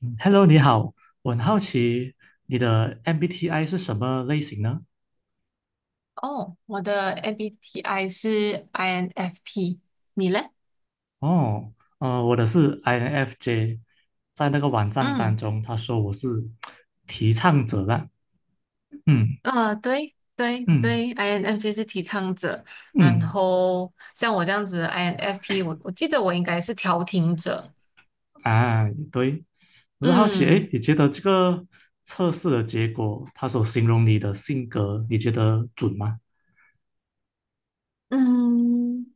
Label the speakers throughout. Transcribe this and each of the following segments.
Speaker 1: 嗯 Hello，你好，我很好奇你的 MBTI 是什么类型呢？
Speaker 2: 哦，我的 MBTI 是 INFP，你嘞？
Speaker 1: 哦，我的是 INFJ，在那个网站当
Speaker 2: 嗯。
Speaker 1: 中，他说我是提倡者啦。嗯
Speaker 2: 啊，对对
Speaker 1: 嗯
Speaker 2: 对，INFJ 是提倡者。然
Speaker 1: 嗯，
Speaker 2: 后像我这样子的 INFP，我记得我应该是调停者。
Speaker 1: 啊，对，我就好奇，哎，
Speaker 2: 嗯。
Speaker 1: 你觉得这个测试的结果，他所形容你的性格，你觉得准吗？
Speaker 2: 嗯。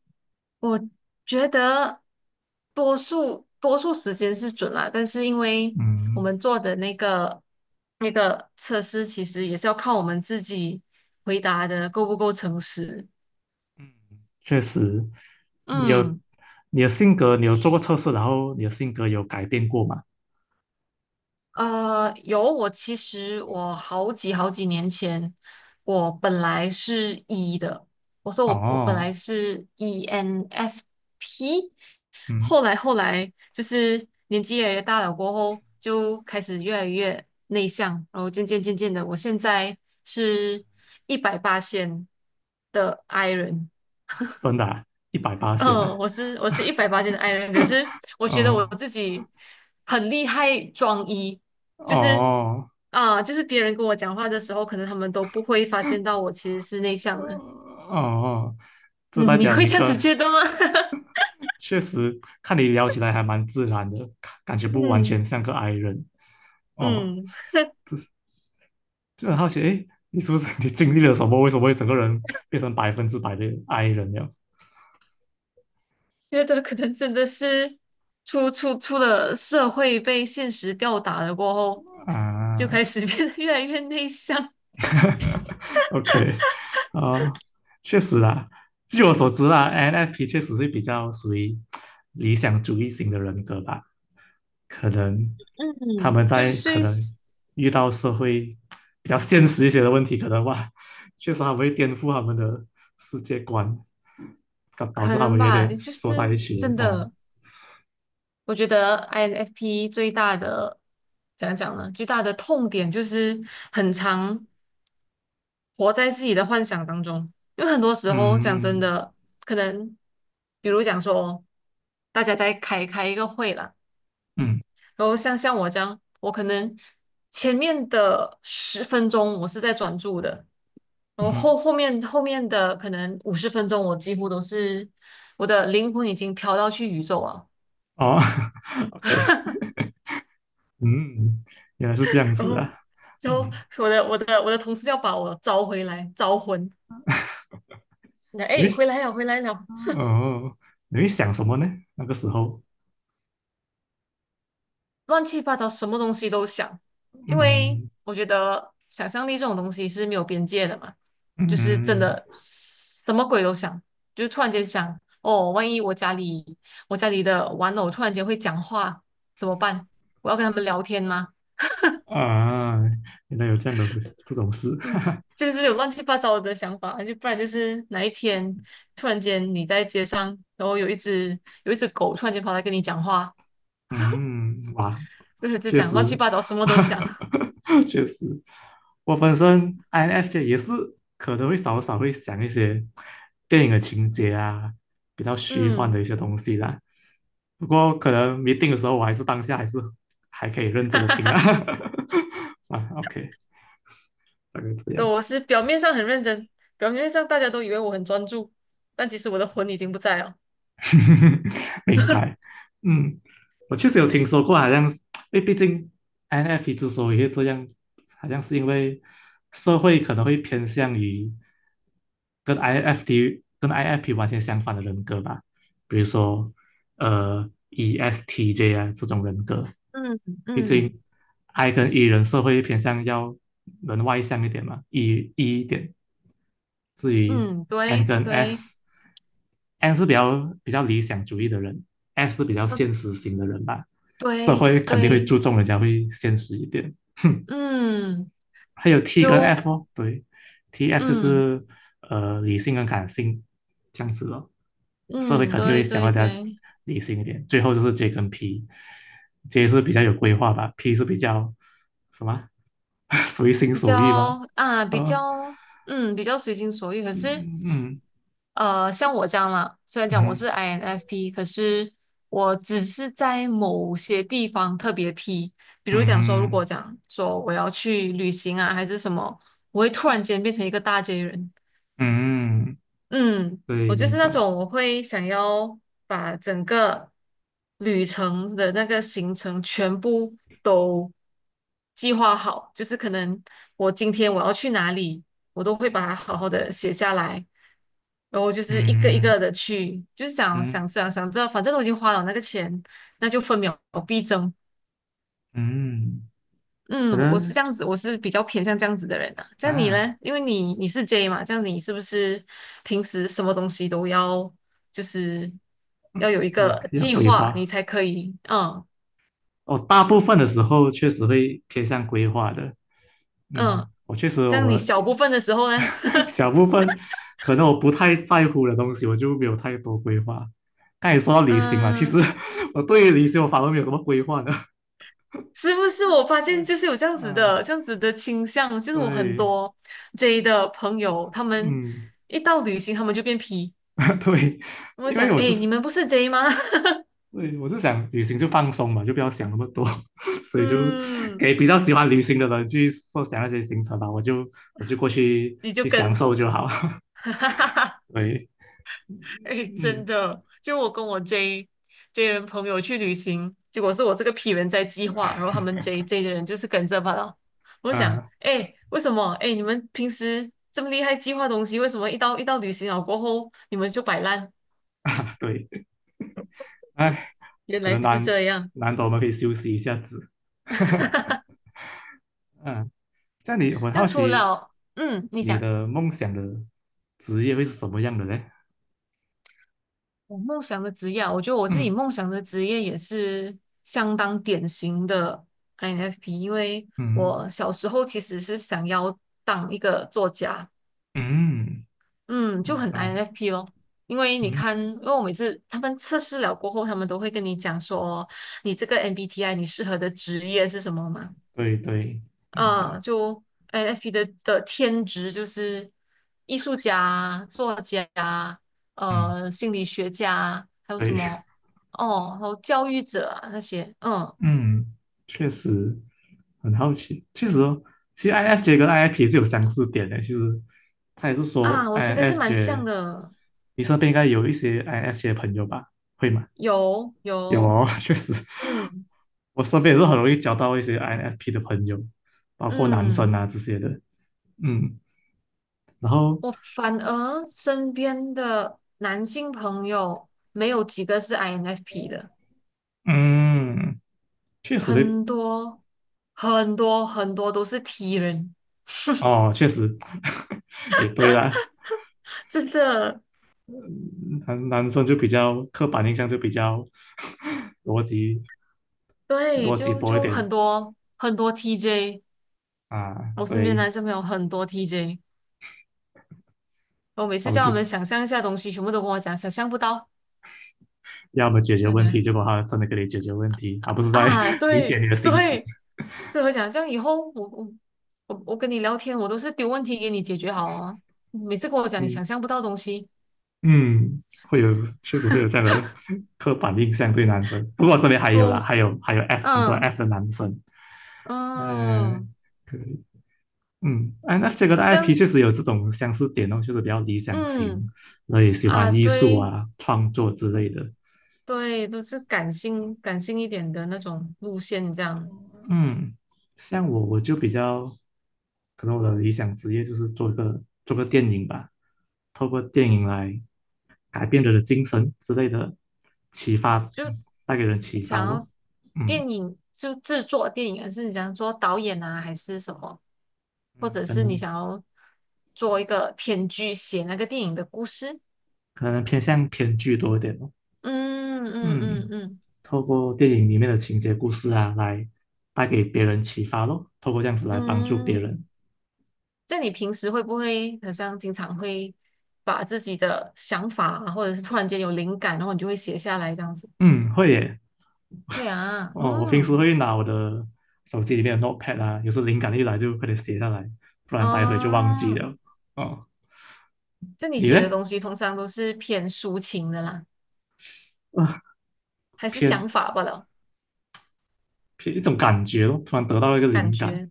Speaker 2: 我觉得多数时间是准啦，但是因为我
Speaker 1: 嗯
Speaker 2: 们做的那个测试，其实也是要靠我们自己回答的够不够诚实。
Speaker 1: 嗯，确实，你有
Speaker 2: 嗯。
Speaker 1: 你的性格，你有做过测试，然后你的性格有改变过吗？
Speaker 2: 有，我其实我好几年前，我本来是 E 的，我说我本来
Speaker 1: 哦。
Speaker 2: 是 ENFP，
Speaker 1: 嗯，
Speaker 2: 后来就是年纪越来越大了过后，就开始越来越内向，然后渐渐渐渐的，我现在是一百八线的 I 人。
Speaker 1: 真的啊，一百八仙呢？
Speaker 2: 嗯，我是180斤的 i 人，可是我觉得我
Speaker 1: 哦
Speaker 2: 自己很厉害装一，就是
Speaker 1: 哦
Speaker 2: 啊、就是别人跟我讲话的时候，可能他们都不会发现到我其实是内
Speaker 1: 哦，
Speaker 2: 向的。
Speaker 1: 哦，这代
Speaker 2: 嗯，你
Speaker 1: 表
Speaker 2: 会
Speaker 1: 你
Speaker 2: 这样
Speaker 1: 跟
Speaker 2: 子觉得吗？
Speaker 1: 确实看你聊起来还蛮自然的，看感觉 不完
Speaker 2: 嗯。
Speaker 1: 全像个 i 人哦。
Speaker 2: 嗯。
Speaker 1: 就很好奇，诶，你是不是 你经历了什么？为什么会整个人变成百分之百的 i 人了
Speaker 2: 觉得可能真的是出了社会被现实吊打了过后，就开
Speaker 1: 啊
Speaker 2: 始 变得越来越内向。
Speaker 1: ？OK， 啊，确实啦，据我所知啦，NFP 确实是比较属于理想主义型的人格吧。可能他
Speaker 2: 嗯，
Speaker 1: 们
Speaker 2: 就
Speaker 1: 在可
Speaker 2: 是
Speaker 1: 能遇到社会比较现实一些的问题，可能哇，确实他们会颠覆他们的世界观，导导
Speaker 2: 可
Speaker 1: 致他
Speaker 2: 能
Speaker 1: 们有
Speaker 2: 吧，
Speaker 1: 点
Speaker 2: 就是
Speaker 1: 缩在一起了
Speaker 2: 真
Speaker 1: 哦。
Speaker 2: 的。我觉得 INFP 最大的怎样讲呢？最大的痛点就是很常活在自己的幻想当中。因为很多时候讲真
Speaker 1: 嗯
Speaker 2: 的，可能比如讲说，大家在开一个会啦。
Speaker 1: 嗯
Speaker 2: 然后像我这样，我可能前面的十分钟我是在专注的，然
Speaker 1: 嗯
Speaker 2: 后
Speaker 1: 哼，
Speaker 2: 后面的可能50分钟，我几乎都是我的灵魂已经飘到去宇宙了。
Speaker 1: 哦 ，OK，嗯，原来是这样
Speaker 2: 然
Speaker 1: 子
Speaker 2: 后
Speaker 1: 啊。哦，
Speaker 2: 就我的同事要把我招回来，招魂。那
Speaker 1: 你
Speaker 2: 哎，
Speaker 1: 会
Speaker 2: 回来了，回来了，
Speaker 1: 哦，你会想什么呢？那个时候，
Speaker 2: 乱七八糟，什么东西都想。因为
Speaker 1: 嗯
Speaker 2: 我觉得想象力这种东西是没有边界的嘛，就是真
Speaker 1: 嗯，
Speaker 2: 的什么鬼都想，就是突然间想，哦，万一我家里的玩偶突然间会讲话怎么办？我要跟他们聊天吗？
Speaker 1: 啊，原来有这样的这种事，哈
Speaker 2: 嗯，
Speaker 1: 哈，
Speaker 2: 这就是有乱七八糟的想法，就不然就是哪一天突然间你在街上，然后有一只狗突然间跑来跟你讲话。
Speaker 1: 嗯，哇，
Speaker 2: 就
Speaker 1: 确
Speaker 2: 讲
Speaker 1: 实，
Speaker 2: 乱七八糟，什么都想。
Speaker 1: 确实，我本身 INFJ 也是可能会少少会想一些电影的情节啊，比较虚幻的
Speaker 2: 嗯。
Speaker 1: 一些东西啦。不过可能没定的时候，我还是当下还是还可以认真的听啦。了 OK 大概这
Speaker 2: 哈，
Speaker 1: 样，
Speaker 2: 我是表面上很认真，表面上大家都以为我很专注，但其实我的魂已经不在了。
Speaker 1: 明白。嗯，我确实有听说过，好像因为毕竟 INFP 之所以会这样，好像是因为社会可能会偏向于。跟 INFT 跟 INFP 完全相反的人格吧，比如说呃 ESTJ 啊这种人格，
Speaker 2: 嗯。
Speaker 1: 毕
Speaker 2: 嗯。
Speaker 1: 竟 I 跟 E 人社会偏向要人外向一点嘛，E E 一点。至于
Speaker 2: 嗯，
Speaker 1: N
Speaker 2: 对
Speaker 1: 跟
Speaker 2: 对。
Speaker 1: S，N 是比较比较理想主义的人，S 是比较现
Speaker 2: 说
Speaker 1: 实型的人吧，社
Speaker 2: 对
Speaker 1: 会肯定会
Speaker 2: 对。
Speaker 1: 注重人家会现实一点。哼，
Speaker 2: 嗯。
Speaker 1: 还有 T 跟
Speaker 2: 就。
Speaker 1: F 哦，对，T F 就
Speaker 2: 嗯。
Speaker 1: 是呃理性跟感性这样子了。社会
Speaker 2: 嗯，
Speaker 1: 肯定
Speaker 2: 对
Speaker 1: 会想
Speaker 2: 对
Speaker 1: 要大家
Speaker 2: 对。
Speaker 1: 理性一点。最后就是 J 跟 P，J 是比较有规划吧，P 是比较什么 随心
Speaker 2: 比
Speaker 1: 所欲吧？
Speaker 2: 较啊，比
Speaker 1: 呃，
Speaker 2: 较嗯，比较随心所欲。可是，
Speaker 1: 嗯嗯
Speaker 2: 像我这样啦，虽然讲我
Speaker 1: 嗯
Speaker 2: 是 INFP，可是我只是在某些地方特别 P。比如讲说，如
Speaker 1: 嗯
Speaker 2: 果讲说我要去旅行啊，还是什么，我会突然间变成一个大 J 人。
Speaker 1: 嗯，嗯
Speaker 2: 嗯，
Speaker 1: 对，
Speaker 2: 我就是
Speaker 1: 明
Speaker 2: 那
Speaker 1: 白。
Speaker 2: 种我会想要把整个旅程的那个行程全部都计划好，就是可能我今天我要去哪里，我都会把它好好的写下来，然后就是一个一
Speaker 1: 嗯
Speaker 2: 个的去，就是想
Speaker 1: 嗯
Speaker 2: 想这样，想着，反正都已经花了那个钱，那就分秒必争。
Speaker 1: 嗯，可
Speaker 2: 嗯，我是
Speaker 1: 能
Speaker 2: 这样子，我是比较偏向这样子的人啊。像你
Speaker 1: 啊，
Speaker 2: 呢？因为你是 J 嘛，这样你是不是平时什么东西都要就是要有一
Speaker 1: 要
Speaker 2: 个
Speaker 1: 要
Speaker 2: 计
Speaker 1: 规
Speaker 2: 划，你
Speaker 1: 划。
Speaker 2: 才可以？嗯。
Speaker 1: 哦，大部分的时候确实会偏向规划的。嗯，
Speaker 2: 嗯。
Speaker 1: 我确实
Speaker 2: 这样你
Speaker 1: 我
Speaker 2: 小部分的时候呢？
Speaker 1: 小部分可能我不太在乎的东西，我就没有太多规划。刚才也说到旅行了，其实
Speaker 2: 嗯，
Speaker 1: 我对于旅行我反而没有什么规划的。
Speaker 2: 是不是我发 现
Speaker 1: 对，
Speaker 2: 就是有这样子
Speaker 1: 啊，
Speaker 2: 的这样子的倾向，就是我很
Speaker 1: 对，
Speaker 2: 多 J 的朋友，他们
Speaker 1: 嗯，
Speaker 2: 一到旅行，他们就变 P。
Speaker 1: 对，
Speaker 2: 我
Speaker 1: 因为
Speaker 2: 讲，
Speaker 1: 我就
Speaker 2: 哎，
Speaker 1: 是，
Speaker 2: 你们不是 J 吗？
Speaker 1: 对，我就想旅行就放松嘛，就不要想那么多，所以就
Speaker 2: 嗯，
Speaker 1: 给比较喜欢旅行的人去设想那些行程吧，我就过去
Speaker 2: 你就
Speaker 1: 去享
Speaker 2: 跟。
Speaker 1: 受就好。对，
Speaker 2: 哎，真
Speaker 1: 嗯，
Speaker 2: 的，就我跟我 J 人朋友去旅行，结果是我这个 P 人在计划，然后他们 J 的人就是跟着罢了。我就讲，
Speaker 1: 啊
Speaker 2: 哎，为什么？哎，你们平时这么厉害计划东西，为什么一到旅行了过后，你们就摆烂？
Speaker 1: 对，哎。
Speaker 2: 原
Speaker 1: 可
Speaker 2: 来
Speaker 1: 能
Speaker 2: 是
Speaker 1: 难
Speaker 2: 这样。
Speaker 1: 难得我们可以休息一下子。嗯，这样你我很
Speaker 2: 就
Speaker 1: 好
Speaker 2: 除
Speaker 1: 奇，
Speaker 2: 了，嗯，你
Speaker 1: 你
Speaker 2: 讲
Speaker 1: 的梦想的职业会是什么样的嘞？
Speaker 2: 我梦想的职业啊，我觉得我自己
Speaker 1: 嗯
Speaker 2: 梦想的职业也是相当典型的 INFP，因为
Speaker 1: 嗯
Speaker 2: 我小时候其实是想要当一个作家。
Speaker 1: 嗯，
Speaker 2: 嗯，就
Speaker 1: 明
Speaker 2: 很
Speaker 1: 白。
Speaker 2: INFP 咯。因为你
Speaker 1: 嗯，
Speaker 2: 看，因为我每次他们测试了过后，他们都会跟你讲说，你这个 MBTI 你适合的职业是什么嘛？
Speaker 1: 对对，明
Speaker 2: 嗯，
Speaker 1: 白。
Speaker 2: 就 INFP 的天职就是艺术家、作家、
Speaker 1: 嗯，
Speaker 2: 心理学家，还有什
Speaker 1: 对，
Speaker 2: 么哦，还有教育者啊那些。嗯。
Speaker 1: 嗯，确实很好奇。确实哦，其实 i N f j 跟 INFP 是有相似点的。其实他也是说
Speaker 2: 啊，我
Speaker 1: i
Speaker 2: 觉
Speaker 1: N
Speaker 2: 得是
Speaker 1: f
Speaker 2: 蛮像
Speaker 1: j
Speaker 2: 的。
Speaker 1: 你身边应该有一些 i N f j 的朋友吧？会吗？
Speaker 2: 有
Speaker 1: 有
Speaker 2: 有。
Speaker 1: 哦，确实，
Speaker 2: 嗯。
Speaker 1: 我身边也是很容易交到一些 INFP 的朋友，包括男生
Speaker 2: 嗯。
Speaker 1: 啊这些的。嗯，然后
Speaker 2: 我反而身边的男性朋友没有几个是 INFP 的，
Speaker 1: 嗯，确实会
Speaker 2: 很多很多很多都是 T 人，
Speaker 1: 哦，确实 也对啦。
Speaker 2: 真的。
Speaker 1: 男生就比较刻板印象就比较 逻辑
Speaker 2: 对，
Speaker 1: 逻辑
Speaker 2: 就
Speaker 1: 多一
Speaker 2: 就很
Speaker 1: 点
Speaker 2: 多很多 TJ。
Speaker 1: 啊，
Speaker 2: 我身边
Speaker 1: 对，
Speaker 2: 男生朋友很多 TJ，我每
Speaker 1: 他
Speaker 2: 次
Speaker 1: 们
Speaker 2: 叫他
Speaker 1: 就
Speaker 2: 们想象一下东西，全部都跟我讲想象不到。
Speaker 1: 要么解决
Speaker 2: 我
Speaker 1: 问题，
Speaker 2: 讲
Speaker 1: 结果他真的给你解决问题，而不是在
Speaker 2: 啊，
Speaker 1: 理解
Speaker 2: 对
Speaker 1: 你的心情。
Speaker 2: 对，所以我讲这样以后我跟你聊天，我都是丢问题给你解决好啊，每次跟我讲你
Speaker 1: 嗯
Speaker 2: 想象不到东西。
Speaker 1: 嗯，会有，确实会有这样的 刻板印象对男生。不过我身边还有啦，
Speaker 2: 哦。
Speaker 1: 还有 F 很多
Speaker 2: 嗯。
Speaker 1: F 的男生，呃，
Speaker 2: 嗯。
Speaker 1: 可以，嗯 n f 这个的
Speaker 2: 这
Speaker 1: IP
Speaker 2: 样。
Speaker 1: 确实有这种相似点哦，就是比较理想型，
Speaker 2: 嗯。
Speaker 1: 然后也喜欢
Speaker 2: 啊，
Speaker 1: 艺术
Speaker 2: 对。
Speaker 1: 啊、创作之
Speaker 2: 嗯，
Speaker 1: 类的。
Speaker 2: 对，都是感性一点的那种路线。这样
Speaker 1: 嗯，像我就比较，可能我的理想职业就是做个电影吧，透过电影来改变人的精神之类的启发，
Speaker 2: 就
Speaker 1: 带给人启发
Speaker 2: 想要
Speaker 1: 咯。嗯
Speaker 2: 电影就制作电影，还是你想做导演啊，还是什么，或
Speaker 1: 嗯，
Speaker 2: 者
Speaker 1: 可
Speaker 2: 是你
Speaker 1: 能
Speaker 2: 想要做一个编剧，写那个电影的故事？
Speaker 1: 可能偏向偏剧多一点咯。
Speaker 2: 嗯。嗯。嗯。
Speaker 1: 嗯，
Speaker 2: 嗯。
Speaker 1: 透过电影里面的情节故事啊，来带给别人启发咯，透过这样子来帮助别
Speaker 2: 嗯，
Speaker 1: 人。
Speaker 2: 在你平时会不会好像经常会把自己的想法啊，或者是突然间有灵感，然后你就会写下来这样子？
Speaker 1: 嗯，会耶。
Speaker 2: 会 啊。
Speaker 1: 哦，我平时
Speaker 2: 嗯。
Speaker 1: 会拿我的手机里面的 Notepad 啊，有时灵感一来就快点写下来，不然待会就忘记
Speaker 2: 哦，
Speaker 1: 了。哦，
Speaker 2: 这你
Speaker 1: 你
Speaker 2: 写的
Speaker 1: 嘞？
Speaker 2: 东西通常都是偏抒情的啦，
Speaker 1: 啊，
Speaker 2: 还是
Speaker 1: 偏
Speaker 2: 想法罢了？
Speaker 1: 偏一种感觉咯，突然得到一个
Speaker 2: 感
Speaker 1: 灵感，
Speaker 2: 觉。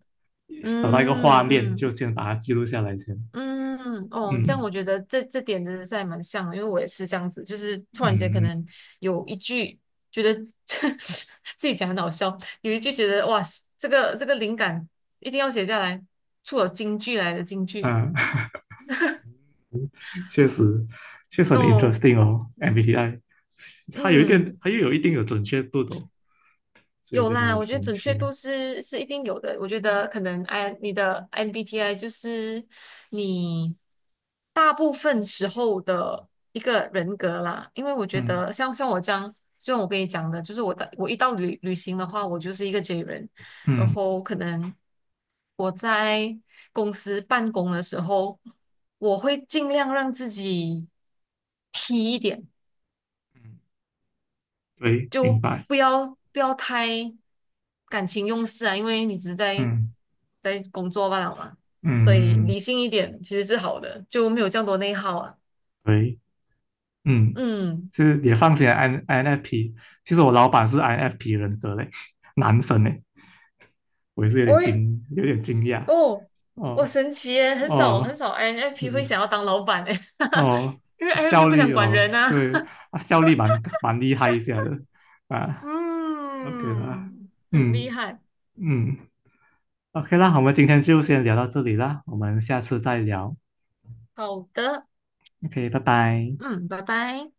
Speaker 1: 找到一个画
Speaker 2: 嗯。
Speaker 1: 面，就
Speaker 2: 嗯。
Speaker 1: 先把它记录下来先。
Speaker 2: 嗯。哦，这样
Speaker 1: 嗯
Speaker 2: 我觉得这点真的是还蛮像的，因为我也是这样子，就是突然间可
Speaker 1: 嗯
Speaker 2: 能有一句觉得 自己讲很好笑，有一句觉得哇，这个灵感一定要写下来，出了京剧来的金句。
Speaker 1: 嗯，确实确实很
Speaker 2: 哦。
Speaker 1: interesting 哦，MBTI，它有一
Speaker 2: 嗯。
Speaker 1: 点，它又有一定的准确度的哦，所以我
Speaker 2: 有
Speaker 1: 觉得
Speaker 2: 啦，
Speaker 1: 很
Speaker 2: 我觉得
Speaker 1: 神
Speaker 2: 准确
Speaker 1: 奇。
Speaker 2: 度是一定有的。我觉得可能 I 你的 MBTI 就是你大部分时候的一个人格啦，因为我觉
Speaker 1: 嗯
Speaker 2: 得像我这样，就像我跟你讲的，就是我一到旅行的话，我就是一个 J 人。然
Speaker 1: 嗯
Speaker 2: 后可能我在公司办公的时候，我会尽量让自己 T 一点。
Speaker 1: 嗯，对，明
Speaker 2: 就
Speaker 1: 白。
Speaker 2: 不要太感情用事啊，因为你只是在
Speaker 1: 嗯
Speaker 2: 在工作罢了嘛，所以
Speaker 1: 嗯嗯，
Speaker 2: 理性一点其实是好的，就没有这样多内耗啊。
Speaker 1: 对，嗯，
Speaker 2: 嗯。
Speaker 1: 就是也放心，INFP。其实我老板是 INFP 人格嘞，男生嘞，我也是
Speaker 2: 喂。
Speaker 1: 有点惊讶。
Speaker 2: 哦，我
Speaker 1: 哦
Speaker 2: 神奇耶，很少很
Speaker 1: 哦，
Speaker 2: 少 I n f
Speaker 1: 确
Speaker 2: p
Speaker 1: 实，
Speaker 2: 会想要当老板诶。
Speaker 1: 哦，
Speaker 2: 因为
Speaker 1: 啊
Speaker 2: INFP
Speaker 1: 效
Speaker 2: 不
Speaker 1: 率
Speaker 2: 想管
Speaker 1: 哦，
Speaker 2: 人啊。
Speaker 1: 对，啊效率蛮厉害一下的啊，OK 啦，
Speaker 2: 嗯，很厉
Speaker 1: 嗯
Speaker 2: 害。
Speaker 1: 嗯，OK 啦，我们今天就先聊到这里啦，我们下次再聊
Speaker 2: 好的。
Speaker 1: ，OK，拜拜。
Speaker 2: 嗯，拜拜。